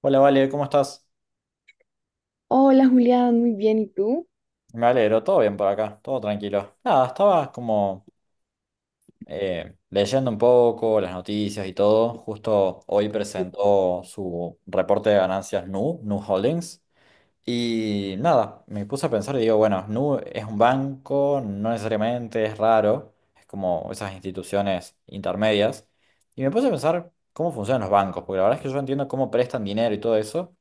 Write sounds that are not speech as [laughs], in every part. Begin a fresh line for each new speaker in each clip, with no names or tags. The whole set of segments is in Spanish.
Hola, Vale, ¿cómo estás?
Hola Julián, muy bien, ¿y tú?
Me alegro, todo bien por acá, todo tranquilo. Nada, estaba como leyendo un poco las noticias y todo. Justo hoy
Sí,
presentó su reporte de ganancias Nu, Nu Holdings. Y nada, me puse a pensar y digo, bueno, Nu es un banco, no necesariamente, es raro, es como esas instituciones intermedias. Y me puse a pensar cómo funcionan los bancos, porque la verdad es que yo entiendo cómo prestan dinero y todo eso,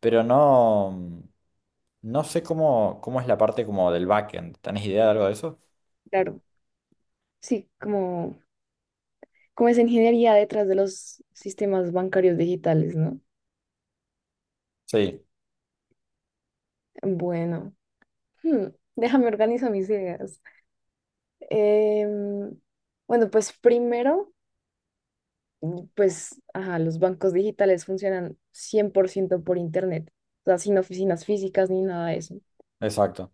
pero no. No sé cómo es la parte como del backend. ¿Tenés idea de algo de eso?
claro, sí, como es ingeniería detrás de los sistemas bancarios digitales, ¿no?
Sí,
Bueno, hmm, déjame organizar mis ideas. Em, bueno, pues primero, pues, ajá, los bancos digitales funcionan 100% por ciento por internet, o sea, sin oficinas físicas ni nada de eso.
exacto.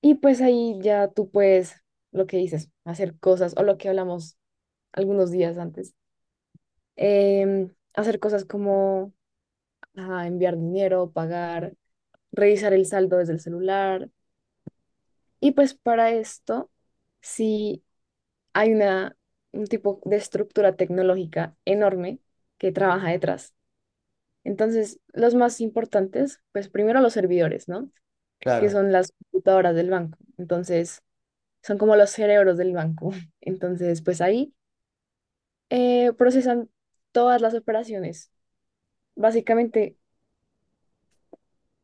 Y pues ahí ya tú puedes, lo que dices, hacer cosas, o lo que hablamos algunos días antes, hacer cosas como a enviar dinero, pagar, revisar el saldo desde el celular. Y pues para esto, sí hay un tipo de estructura tecnológica enorme que trabaja detrás. Entonces, los más importantes, pues primero los servidores, ¿no? Que
Claro.
son las computadoras del banco. Entonces, son como los cerebros del banco. [laughs] Entonces, pues ahí procesan todas las operaciones, básicamente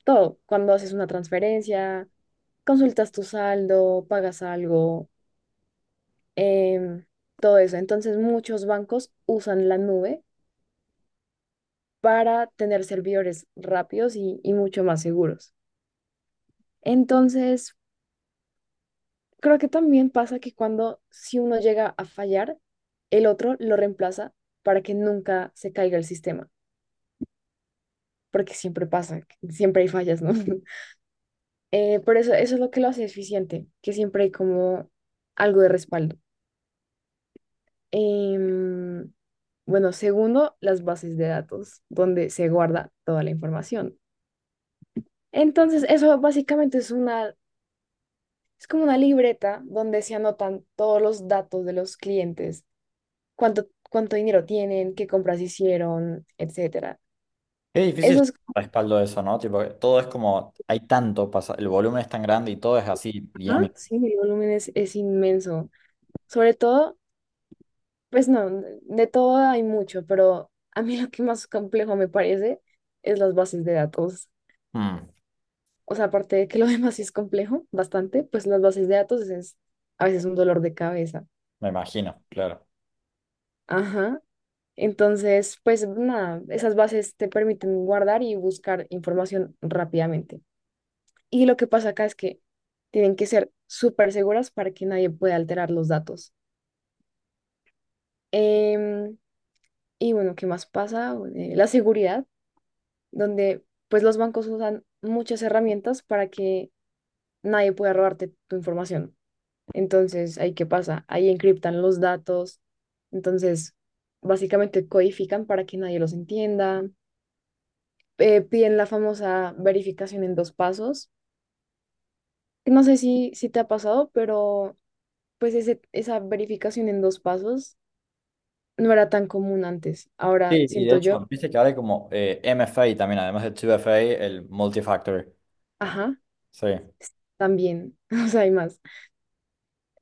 todo, cuando haces una transferencia consultas tu saldo, pagas algo, em, todo eso. Entonces, muchos bancos usan la nube para tener servidores rápidos y mucho más seguros. Entonces, creo que también pasa que cuando si uno llega a fallar, el otro lo reemplaza para que nunca se caiga el sistema, porque siempre pasa, siempre hay fallas, ¿no? [laughs] Por eso, eso es lo que lo hace eficiente, que siempre hay como algo de respaldo. Em, bueno, segundo, las bases de datos, donde se guarda toda la información. Entonces, eso básicamente es una, es como una libreta donde se anotan todos los datos de los clientes, cuánto dinero tienen, qué compras hicieron, etcétera.
Qué difícil
Eso es,
respaldo eso, ¿no? Tipo, todo es como, hay tanto, pasa, el volumen es tan grande y todo es así
ajá,
dinámico.
sí, el volumen es inmenso. Sobre todo, pues no, de todo hay mucho, pero a mí lo que más complejo me parece es las bases de datos.
Mm,
O sea, aparte de que lo [laughs] demás sí es complejo, bastante, pues las bases de datos es a veces un dolor de cabeza.
me imagino, claro.
Ajá. Entonces, pues nada, esas bases te permiten guardar y buscar información rápidamente. Y lo que pasa acá es que tienen que ser súper seguras para que nadie pueda alterar los datos. Em, y bueno, ¿qué más pasa? Bueno, la seguridad, donde pues los bancos usan muchas herramientas para que nadie pueda robarte tu información. Entonces, ¿ahí qué pasa? Ahí encriptan los datos. Entonces, básicamente codifican para que nadie los entienda. Piden la famosa verificación en dos pasos. No sé si te ha pasado, pero pues esa verificación en dos pasos no era tan común antes. Ahora
Sí, y de
siento yo,
hecho, viste que ahora hay como MFA también, además de 2FA, el multifactor.
ajá,
Sí,
también. [laughs] O sea, hay más,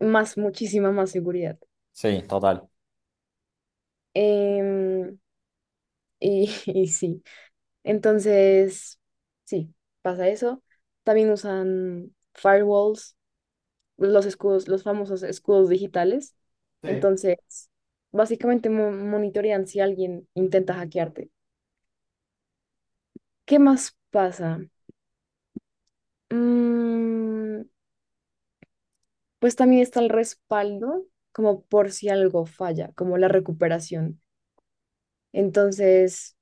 más, muchísima más seguridad.
sí, total.
Em, y, [laughs] y sí. Entonces, sí, pasa eso. También usan firewalls, los escudos, los famosos escudos digitales.
Sí,
Entonces, básicamente monitorean si alguien intenta hackearte. ¿Qué más pasa? Mm, pues también está el respaldo, como por si algo falla, como la recuperación. Entonces,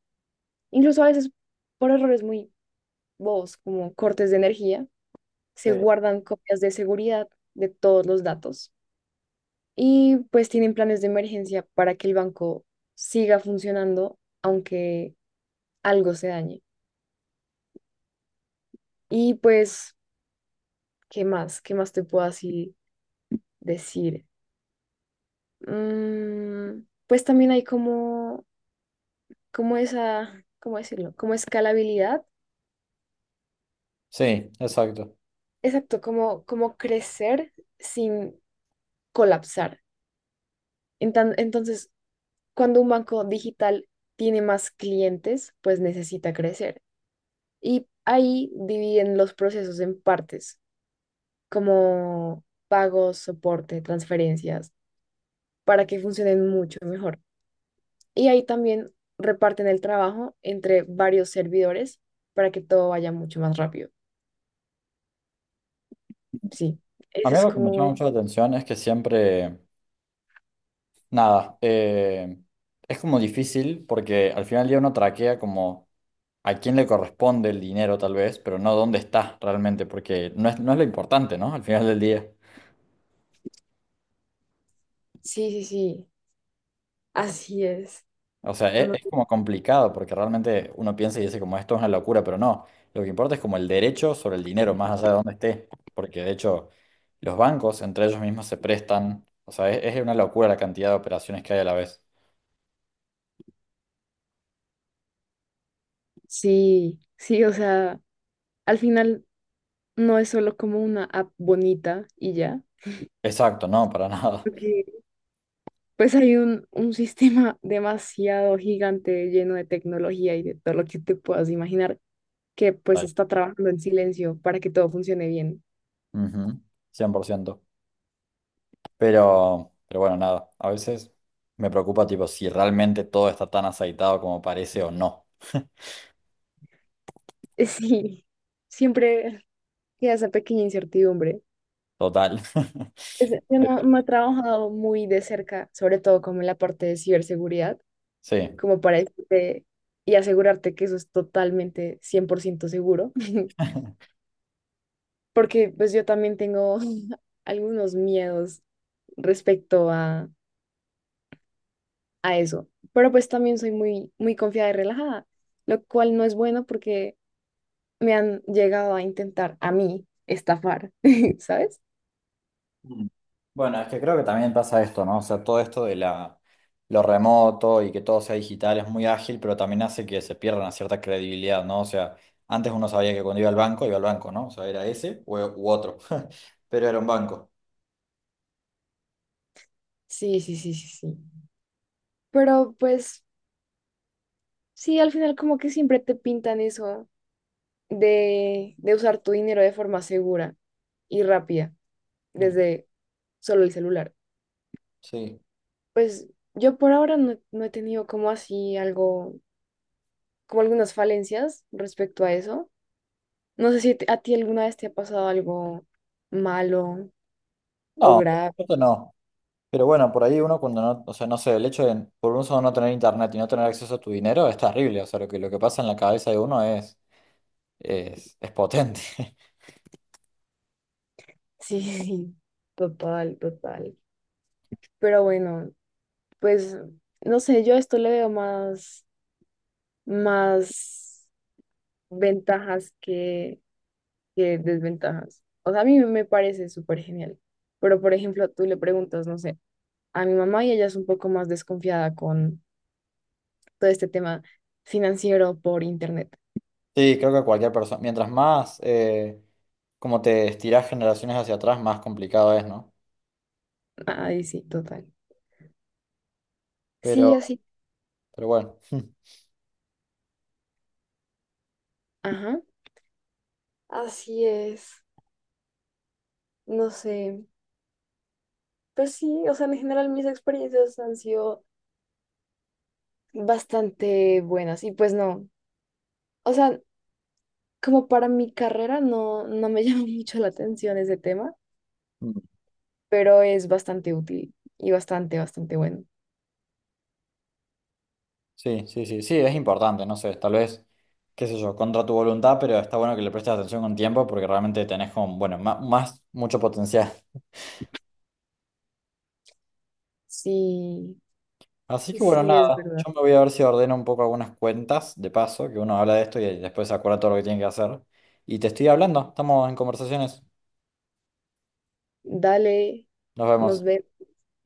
incluso a veces por errores muy bobos, como cortes de energía, se
sí.
guardan copias de seguridad de todos los datos y pues tienen planes de emergencia para que el banco siga funcionando aunque algo se dañe. Y pues, ¿qué más? ¿Qué más te puedo así decir? Mm, pues también hay como, como esa, ¿cómo decirlo? Como escalabilidad.
Sí, exacto.
Exacto, como, como crecer sin colapsar. Entonces, cuando un banco digital tiene más clientes, pues necesita crecer. Y ahí dividen los procesos en partes como pagos, soporte, transferencias, para que funcionen mucho mejor. Y ahí también reparten el trabajo entre varios servidores para que todo vaya mucho más rápido. Sí,
A
eso
mí
es
algo que me llama
como,
mucho la atención es que siempre nada, es como difícil porque al final del día uno traquea como a quién le corresponde el dinero tal vez, pero no dónde está realmente, porque no es lo importante, ¿no? Al final del día.
sí, sí, sí, así es.
O sea,
No-
es como complicado porque realmente uno piensa y dice como esto es una locura, pero no, lo que importa es como el derecho sobre el dinero, más allá de dónde esté, porque de hecho los bancos entre ellos mismos se prestan, o sea, es una locura la cantidad de operaciones que hay a la vez.
sí, sí, o sea, al final no es solo como una app bonita y ya.
Exacto, no, para [laughs] nada.
Porque pues hay un [laughs] sistema demasiado gigante lleno de tecnología y de todo lo que te puedas imaginar que pues
Tal.
está trabajando en silencio para que todo funcione bien. [laughs]
Ujú, cien por ciento. Pero, bueno, nada, a veces me preocupa tipo si realmente todo está tan aceitado como parece o no.
Sí, siempre queda esa pequeña incertidumbre.
Total. [laughs]
Yo no,
Pero
no he trabajado muy de cerca, sobre todo como en la parte de ciberseguridad,
sí.
como para decirte y asegurarte que eso es totalmente 100% seguro, [laughs] porque pues yo también tengo [laughs] algunos miedos respecto a eso, pero pues también soy muy, muy confiada y relajada, lo cual no es bueno porque me han llegado a intentar a mí estafar, [laughs] ¿sabes?
Mm. Bueno, es que creo que también pasa esto, ¿no? O sea, todo esto de la, lo remoto y que todo sea digital es muy ágil, pero también hace que se pierda una cierta credibilidad, ¿no? O sea, antes uno sabía que cuando iba al banco, ¿no? O sea, era ese u otro, [laughs] pero era un banco.
Sí, sí, sí, sí, sí. Pero pues sí, al final como que siempre te pintan eso de usar tu dinero de forma segura y rápida
Mm,
desde solo el celular.
sí.
Pues yo por ahora no he tenido como así algo, como algunas falencias respecto a eso. No sé si a ti alguna vez te ha pasado algo malo o
No,
grave.
esto no. Pero bueno, por ahí uno cuando no, o sea, no sé, el hecho de por un solo no tener internet y no tener acceso a tu dinero es terrible, o sea, lo que pasa en la cabeza de uno es potente. [laughs]
Sí, [laughs] sí, total, total. Pero bueno, pues no sé, yo a esto le veo más ventajas que desventajas. O sea, a mí me parece súper genial. Pero, por ejemplo, tú le preguntas, no sé, a mi mamá y ella es un poco más desconfiada con todo este tema financiero por internet.
Sí, creo que cualquier persona, mientras más como te estirás generaciones hacia atrás, más complicado es, ¿no?
Ay, sí, total. Sí,
Pero,
así,
bueno, [laughs]
Ajá. Así es. No sé. Pues sí, o sea, en general mis experiencias han sido bastante buenas. Y pues no. O sea, como para mi carrera no, me [laughs] llama mucho la atención ese tema,
mm.
pero es bastante útil y bastante, bastante bueno.
Sí, sí, sí, sí, es importante, no sé, tal vez, qué sé yo, contra tu voluntad, pero está bueno que le prestes atención con tiempo porque realmente tenés como, bueno, más mucho potencial.
Sí,
Así que bueno,
sí es
nada,
verdad.
yo me voy a ver si ordeno un poco algunas cuentas, de paso, que uno habla de esto y después se acuerda todo lo que tiene que hacer. Y te estoy hablando, estamos en conversaciones.
Dale,
Nos
nos
vemos.
vemos.